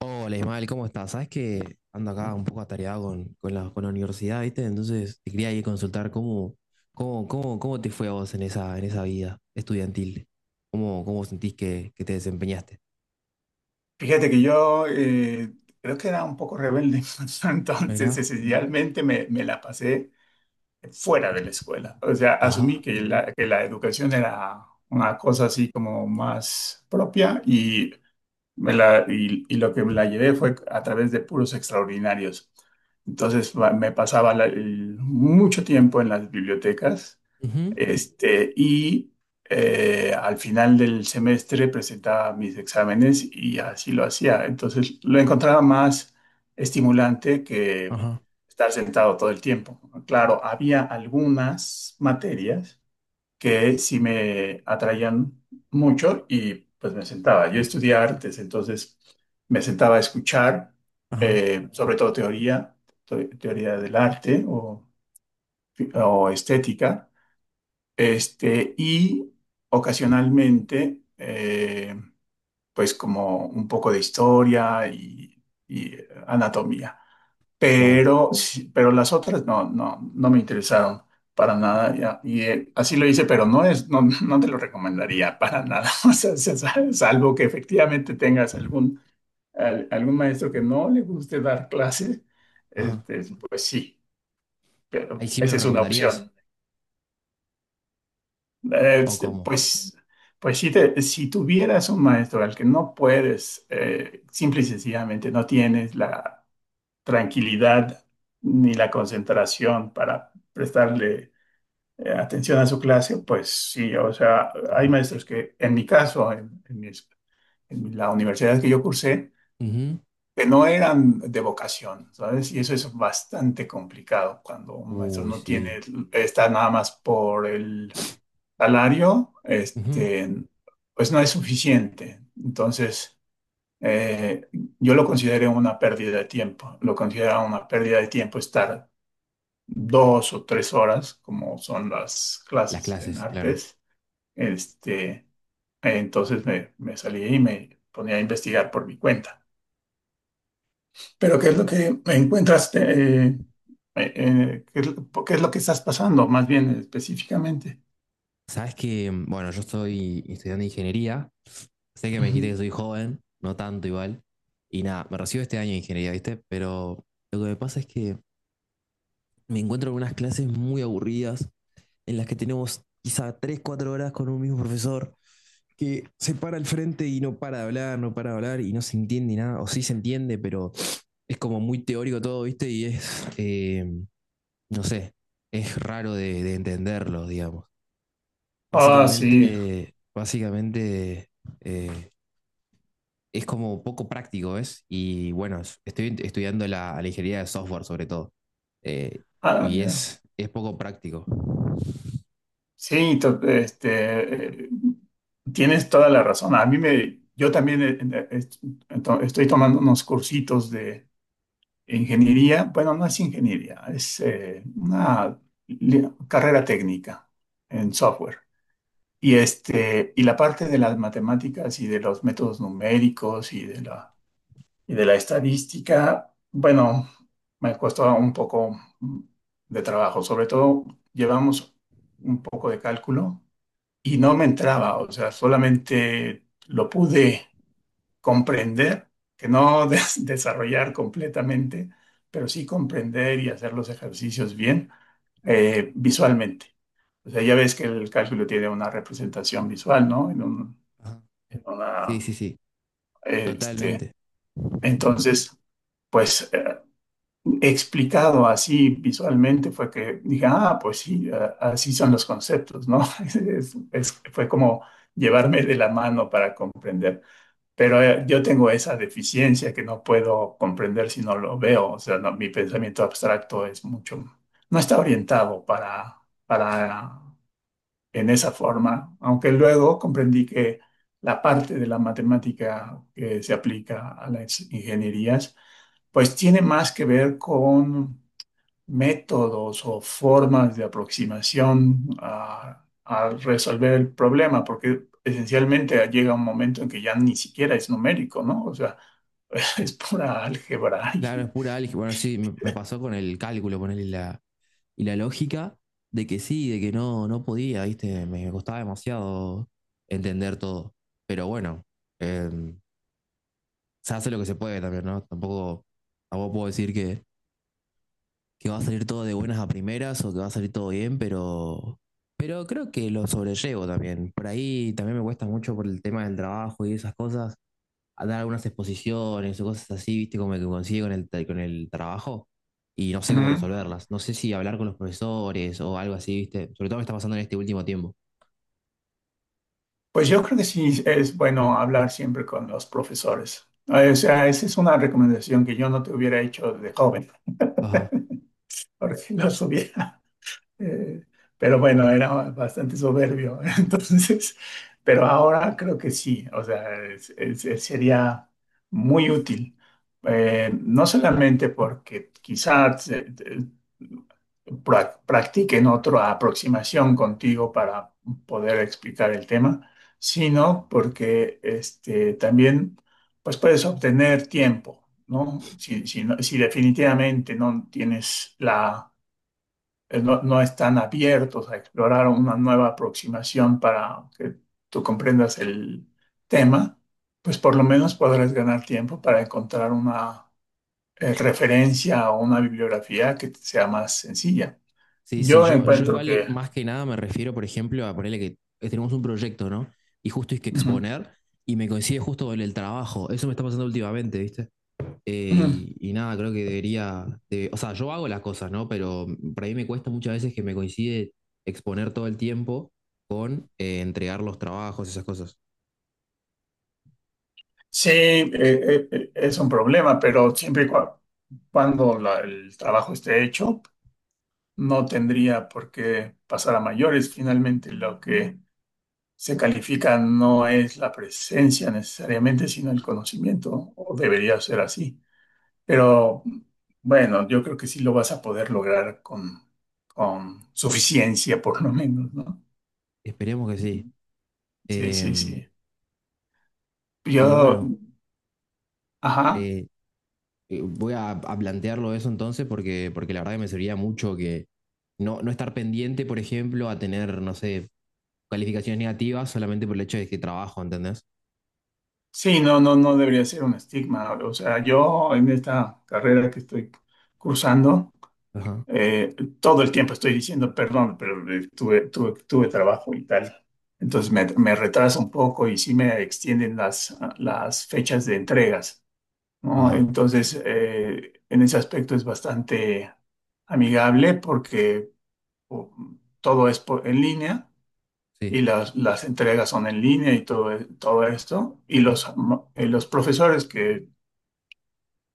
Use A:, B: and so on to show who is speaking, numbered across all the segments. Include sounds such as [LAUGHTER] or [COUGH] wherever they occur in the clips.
A: Hola Ismael, ¿cómo estás? Sabes que ando acá un poco atareado con la universidad, ¿viste? Entonces te quería ir a consultar cómo te fue a vos en esa vida estudiantil. ¿Cómo sentís que te desempeñaste?
B: Fíjate que yo creo que era un poco rebelde, [LAUGHS] entonces
A: Mira.
B: esencialmente me la pasé fuera de la escuela. O sea, asumí
A: Ajá.
B: que que la educación era una cosa así como más propia y, y lo que me la llevé fue a través de puros extraordinarios. Entonces me pasaba mucho tiempo en las bibliotecas
A: Ujú.
B: y al final del semestre presentaba mis exámenes y así lo hacía. Entonces lo encontraba más estimulante que
A: Ajá.
B: estar sentado todo el tiempo. Claro, había algunas materias que sí me atraían mucho y pues me sentaba. Yo estudié artes, entonces me sentaba a escuchar,
A: Ajá.
B: sobre todo teoría, teoría del arte o estética y ocasionalmente, pues como un poco de historia y anatomía.
A: Wow.
B: Pero, pero las otras no, no, no me interesaron para nada. Ya. Y así lo hice, pero no es, no, no te lo recomendaría para nada. [LAUGHS] O sea, salvo que efectivamente tengas algún, algún maestro que no le guste dar clase,
A: Ajá.
B: pues sí,
A: ¿Ahí
B: pero
A: sí me lo
B: esa es una
A: recomendarías?
B: opción. Eh,
A: ¿O cómo?
B: Pues, pues si, si tuvieras un maestro al que no puedes, simple y sencillamente no tienes la tranquilidad ni la concentración para prestarle atención a su clase, pues sí, o sea, hay maestros que en mi caso, en en la universidad que yo cursé,
A: Ujú.
B: que no eran de vocación, ¿sabes? Y eso es bastante complicado cuando un maestro
A: Uy,
B: no
A: sí.
B: tiene, está nada más por el salario,
A: Ujú.
B: pues no es suficiente. Entonces, eh, yo lo considero una pérdida de tiempo. Lo considero una pérdida de tiempo estar dos o tres horas, como son las
A: Las
B: clases en
A: clases, claro.
B: artes. Este, entonces me salí y me ponía a investigar por mi cuenta. Pero ¿qué es lo que me encuentras? ¿Qué es lo que estás pasando, más bien específicamente?
A: Sabes que, bueno, yo soy estudiante de ingeniería. Sé que me dijiste que
B: Ujú.
A: soy joven, no tanto igual. Y nada, me recibo este año de ingeniería, ¿viste? Pero lo que me pasa es que me encuentro en unas clases muy aburridas, en las que tenemos quizá 3 4 horas con un mismo profesor, que se para al frente y no para de hablar, no para de hablar y no se entiende nada, o sí se entiende, pero es como muy teórico todo, ¿viste? Y es, no sé, es raro de entenderlo, digamos.
B: Ah, sí.
A: Básicamente, eh, es como poco práctico, ¿ves? Y bueno, estoy estudiando la ingeniería de software sobre todo. Eh,
B: Ah,
A: y
B: ya.
A: es poco práctico.
B: Sí, tienes toda la razón. A mí me, yo también estoy tomando unos cursitos de ingeniería. Bueno, no es ingeniería, es una carrera técnica en software. Y y la parte de las matemáticas y de los métodos numéricos y de la estadística, bueno, me costó un poco de trabajo. Sobre todo llevamos un poco de cálculo y no me entraba, o sea, solamente lo pude comprender, que no [LAUGHS] desarrollar completamente, pero sí comprender y hacer los ejercicios bien visualmente. O sea, ya ves que el cálculo tiene una representación visual, ¿no?
A: Ajá.
B: En
A: Sí,
B: una,
A: sí, sí,
B: eh, este,
A: totalmente.
B: entonces, pues explicado así visualmente fue que dije, ah, pues sí, así son los conceptos, ¿no? [LAUGHS] Fue como llevarme de la mano para comprender. Pero yo tengo esa deficiencia que no puedo comprender si no lo veo. O sea, no, mi pensamiento abstracto es mucho, no está orientado para en esa forma, aunque luego comprendí que la parte de la matemática que se aplica a las ingenierías, pues tiene más que ver con métodos o formas de aproximación a resolver el problema, porque esencialmente llega un momento en que ya ni siquiera es numérico, ¿no? O sea, [LAUGHS] es pura álgebra.
A: Claro, es
B: Y.
A: pura álgebra. Bueno, sí, me pasó con el cálculo, ponerle y la lógica de que sí, de que no, no podía, ¿viste? Me costaba demasiado entender todo. Pero bueno, eh, se hace lo que se puede también, ¿no? Tampoco puedo decir que va a salir todo de buenas a primeras o que va a salir todo bien, pero creo que lo sobrellevo también. Por ahí también me cuesta mucho por el tema del trabajo y esas cosas, a dar algunas exposiciones o cosas así, viste, como que consigue con el trabajo y no sé cómo
B: Ujú.
A: resolverlas. No sé si hablar con los profesores o algo así, viste. Sobre todo me está pasando en este último tiempo.
B: Pues yo creo que sí es bueno hablar siempre con los profesores. O sea, esa es una recomendación que yo no te hubiera hecho de joven,
A: Ajá.
B: porque [LAUGHS] los hubiera Eh, pero bueno, era bastante soberbio. [LAUGHS] Entonces, pero ahora creo que sí, o sea, sería muy útil. No solamente porque quizás practiquen otra aproximación contigo para poder explicar el tema, sino porque también pues puedes obtener tiempo, ¿no? Si si definitivamente no tienes la no, no están abiertos a explorar una nueva aproximación para que tú comprendas el tema, pues por lo menos podrás ganar tiempo para encontrar una referencia o una bibliografía que te sea más sencilla.
A: Sí, sí,
B: Yo
A: yo
B: encuentro. Mm.
A: igual
B: Que
A: más que nada me refiero, por ejemplo, a ponerle que tenemos un proyecto, ¿no? Y justo hay que
B: ujú,
A: exponer y me coincide justo con el trabajo. Eso me está pasando últimamente, ¿viste? Eh,
B: ujú,
A: y, y nada, creo que o sea, yo hago las cosas, ¿no? Pero para mí me cuesta muchas veces que me coincide exponer todo el tiempo con entregar los trabajos, esas cosas.
B: sí, es un problema, pero siempre y cuando el trabajo esté hecho, no tendría por qué pasar a mayores. Finalmente, lo que se califica no es la presencia necesariamente, sino el conocimiento, ¿no? O debería ser así. Pero bueno, yo creo que sí lo vas a poder lograr con suficiencia, por lo menos, ¿no?
A: Esperemos que sí.
B: Sí, sí,
A: Eh,
B: sí.
A: y
B: Yo,
A: bueno,
B: ajá,
A: eh, voy a plantearlo eso entonces porque la verdad que me serviría mucho que no estar pendiente, por ejemplo, a tener, no sé, calificaciones negativas solamente por el hecho de que trabajo, ¿entendés?
B: sí, no, no, no debería ser un estigma. O sea, yo en esta carrera que estoy cursando,
A: Ajá,
B: Eh, todo el tiempo estoy diciendo perdón, pero tuve trabajo y tal. Entonces me retraso un poco y sí me extienden las fechas de entregas, ¿no?
A: ajá,
B: Entonces, en ese aspecto es bastante amigable porque o, todo es en línea
A: sí,
B: y las entregas son en línea y todo, todo esto. Y los profesores que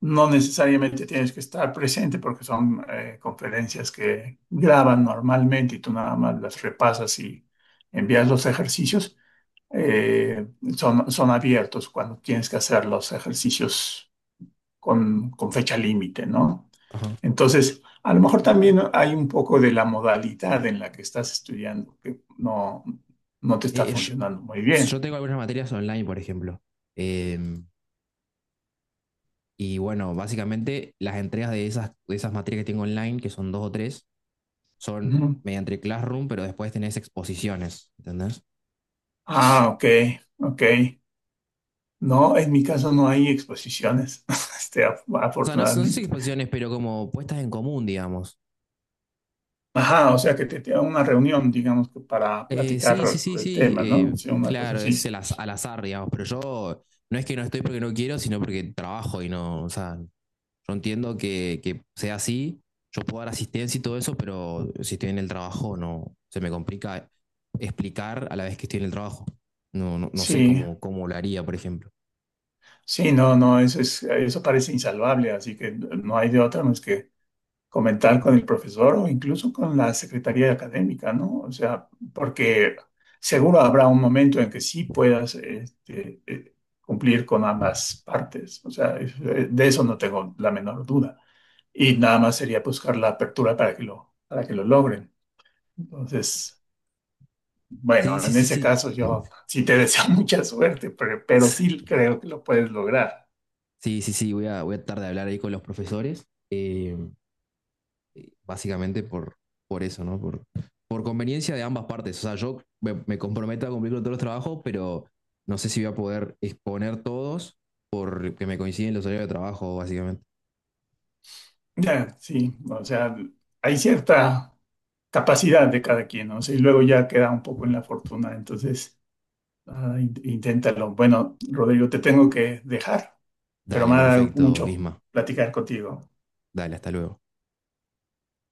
B: no necesariamente tienes que estar presente porque son conferencias que graban normalmente y tú nada más las repasas y envías los ejercicios. Eh, son, son abiertos cuando tienes que hacer los ejercicios con fecha límite, ¿no?
A: ajá.
B: Entonces, a lo mejor también hay un poco de la modalidad en la que estás estudiando que no, no te está
A: Eh, eh, yo,
B: funcionando muy bien.
A: yo tengo algunas materias online, por ejemplo. Eh, y bueno, básicamente las entregas de esas materias que tengo online, que son dos o tres, son
B: Ujú.
A: mediante Classroom, pero después tenés exposiciones, ¿entendés?
B: Ah, ok, ok. No, en mi caso no hay exposiciones, [LAUGHS]
A: O sea, no, no sé si
B: afortunadamente.
A: exposiciones, pero como puestas en común, digamos.
B: Ajá, o sea que te dan una reunión, digamos, que para
A: Sí, sí,
B: platicar
A: sí,
B: el
A: sí.
B: tema, ¿no? Sí, una cosa
A: Claro, es
B: así.
A: el al azar, digamos, pero yo no es que no estoy porque no quiero, sino porque trabajo y no, o sea, yo entiendo que sea así, yo puedo dar asistencia y todo eso, pero si estoy en el trabajo, no, se me complica explicar a la vez que estoy en el trabajo. No, no, no sé
B: Sí,
A: cómo lo haría, por ejemplo.
B: sí, no, no, eso es, eso parece insalvable, así que no hay de otra más que comentar con el profesor o incluso con la secretaría académica, ¿no? O sea, porque seguro habrá un momento en que sí puedas, cumplir con ambas partes. O sea, de eso no tengo la menor duda. Y nada más sería buscar la apertura para que lo logren. Entonces,
A: Sí,
B: bueno,
A: sí,
B: en
A: sí,
B: ese
A: sí.
B: caso yo sí te deseo [LAUGHS] mucha suerte, pero sí creo que lo puedes lograr.
A: Sí, sí, sí, voy a tratar de hablar ahí con los profesores, básicamente por eso, ¿no? Por conveniencia de ambas partes. O sea, yo me comprometo a cumplir con todos los trabajos, pero no sé si voy a poder exponer todos porque me coinciden los horarios de trabajo, básicamente.
B: Ya, sí, o sea, hay cierta capacidad de cada quien, ¿no? O sea, y luego ya queda un poco en la fortuna, entonces ah, inténtalo. Bueno, Rodrigo, te tengo que dejar, pero
A: Dale,
B: me ha dado
A: perfecto,
B: mucho
A: Isma.
B: platicar contigo.
A: Dale, hasta luego.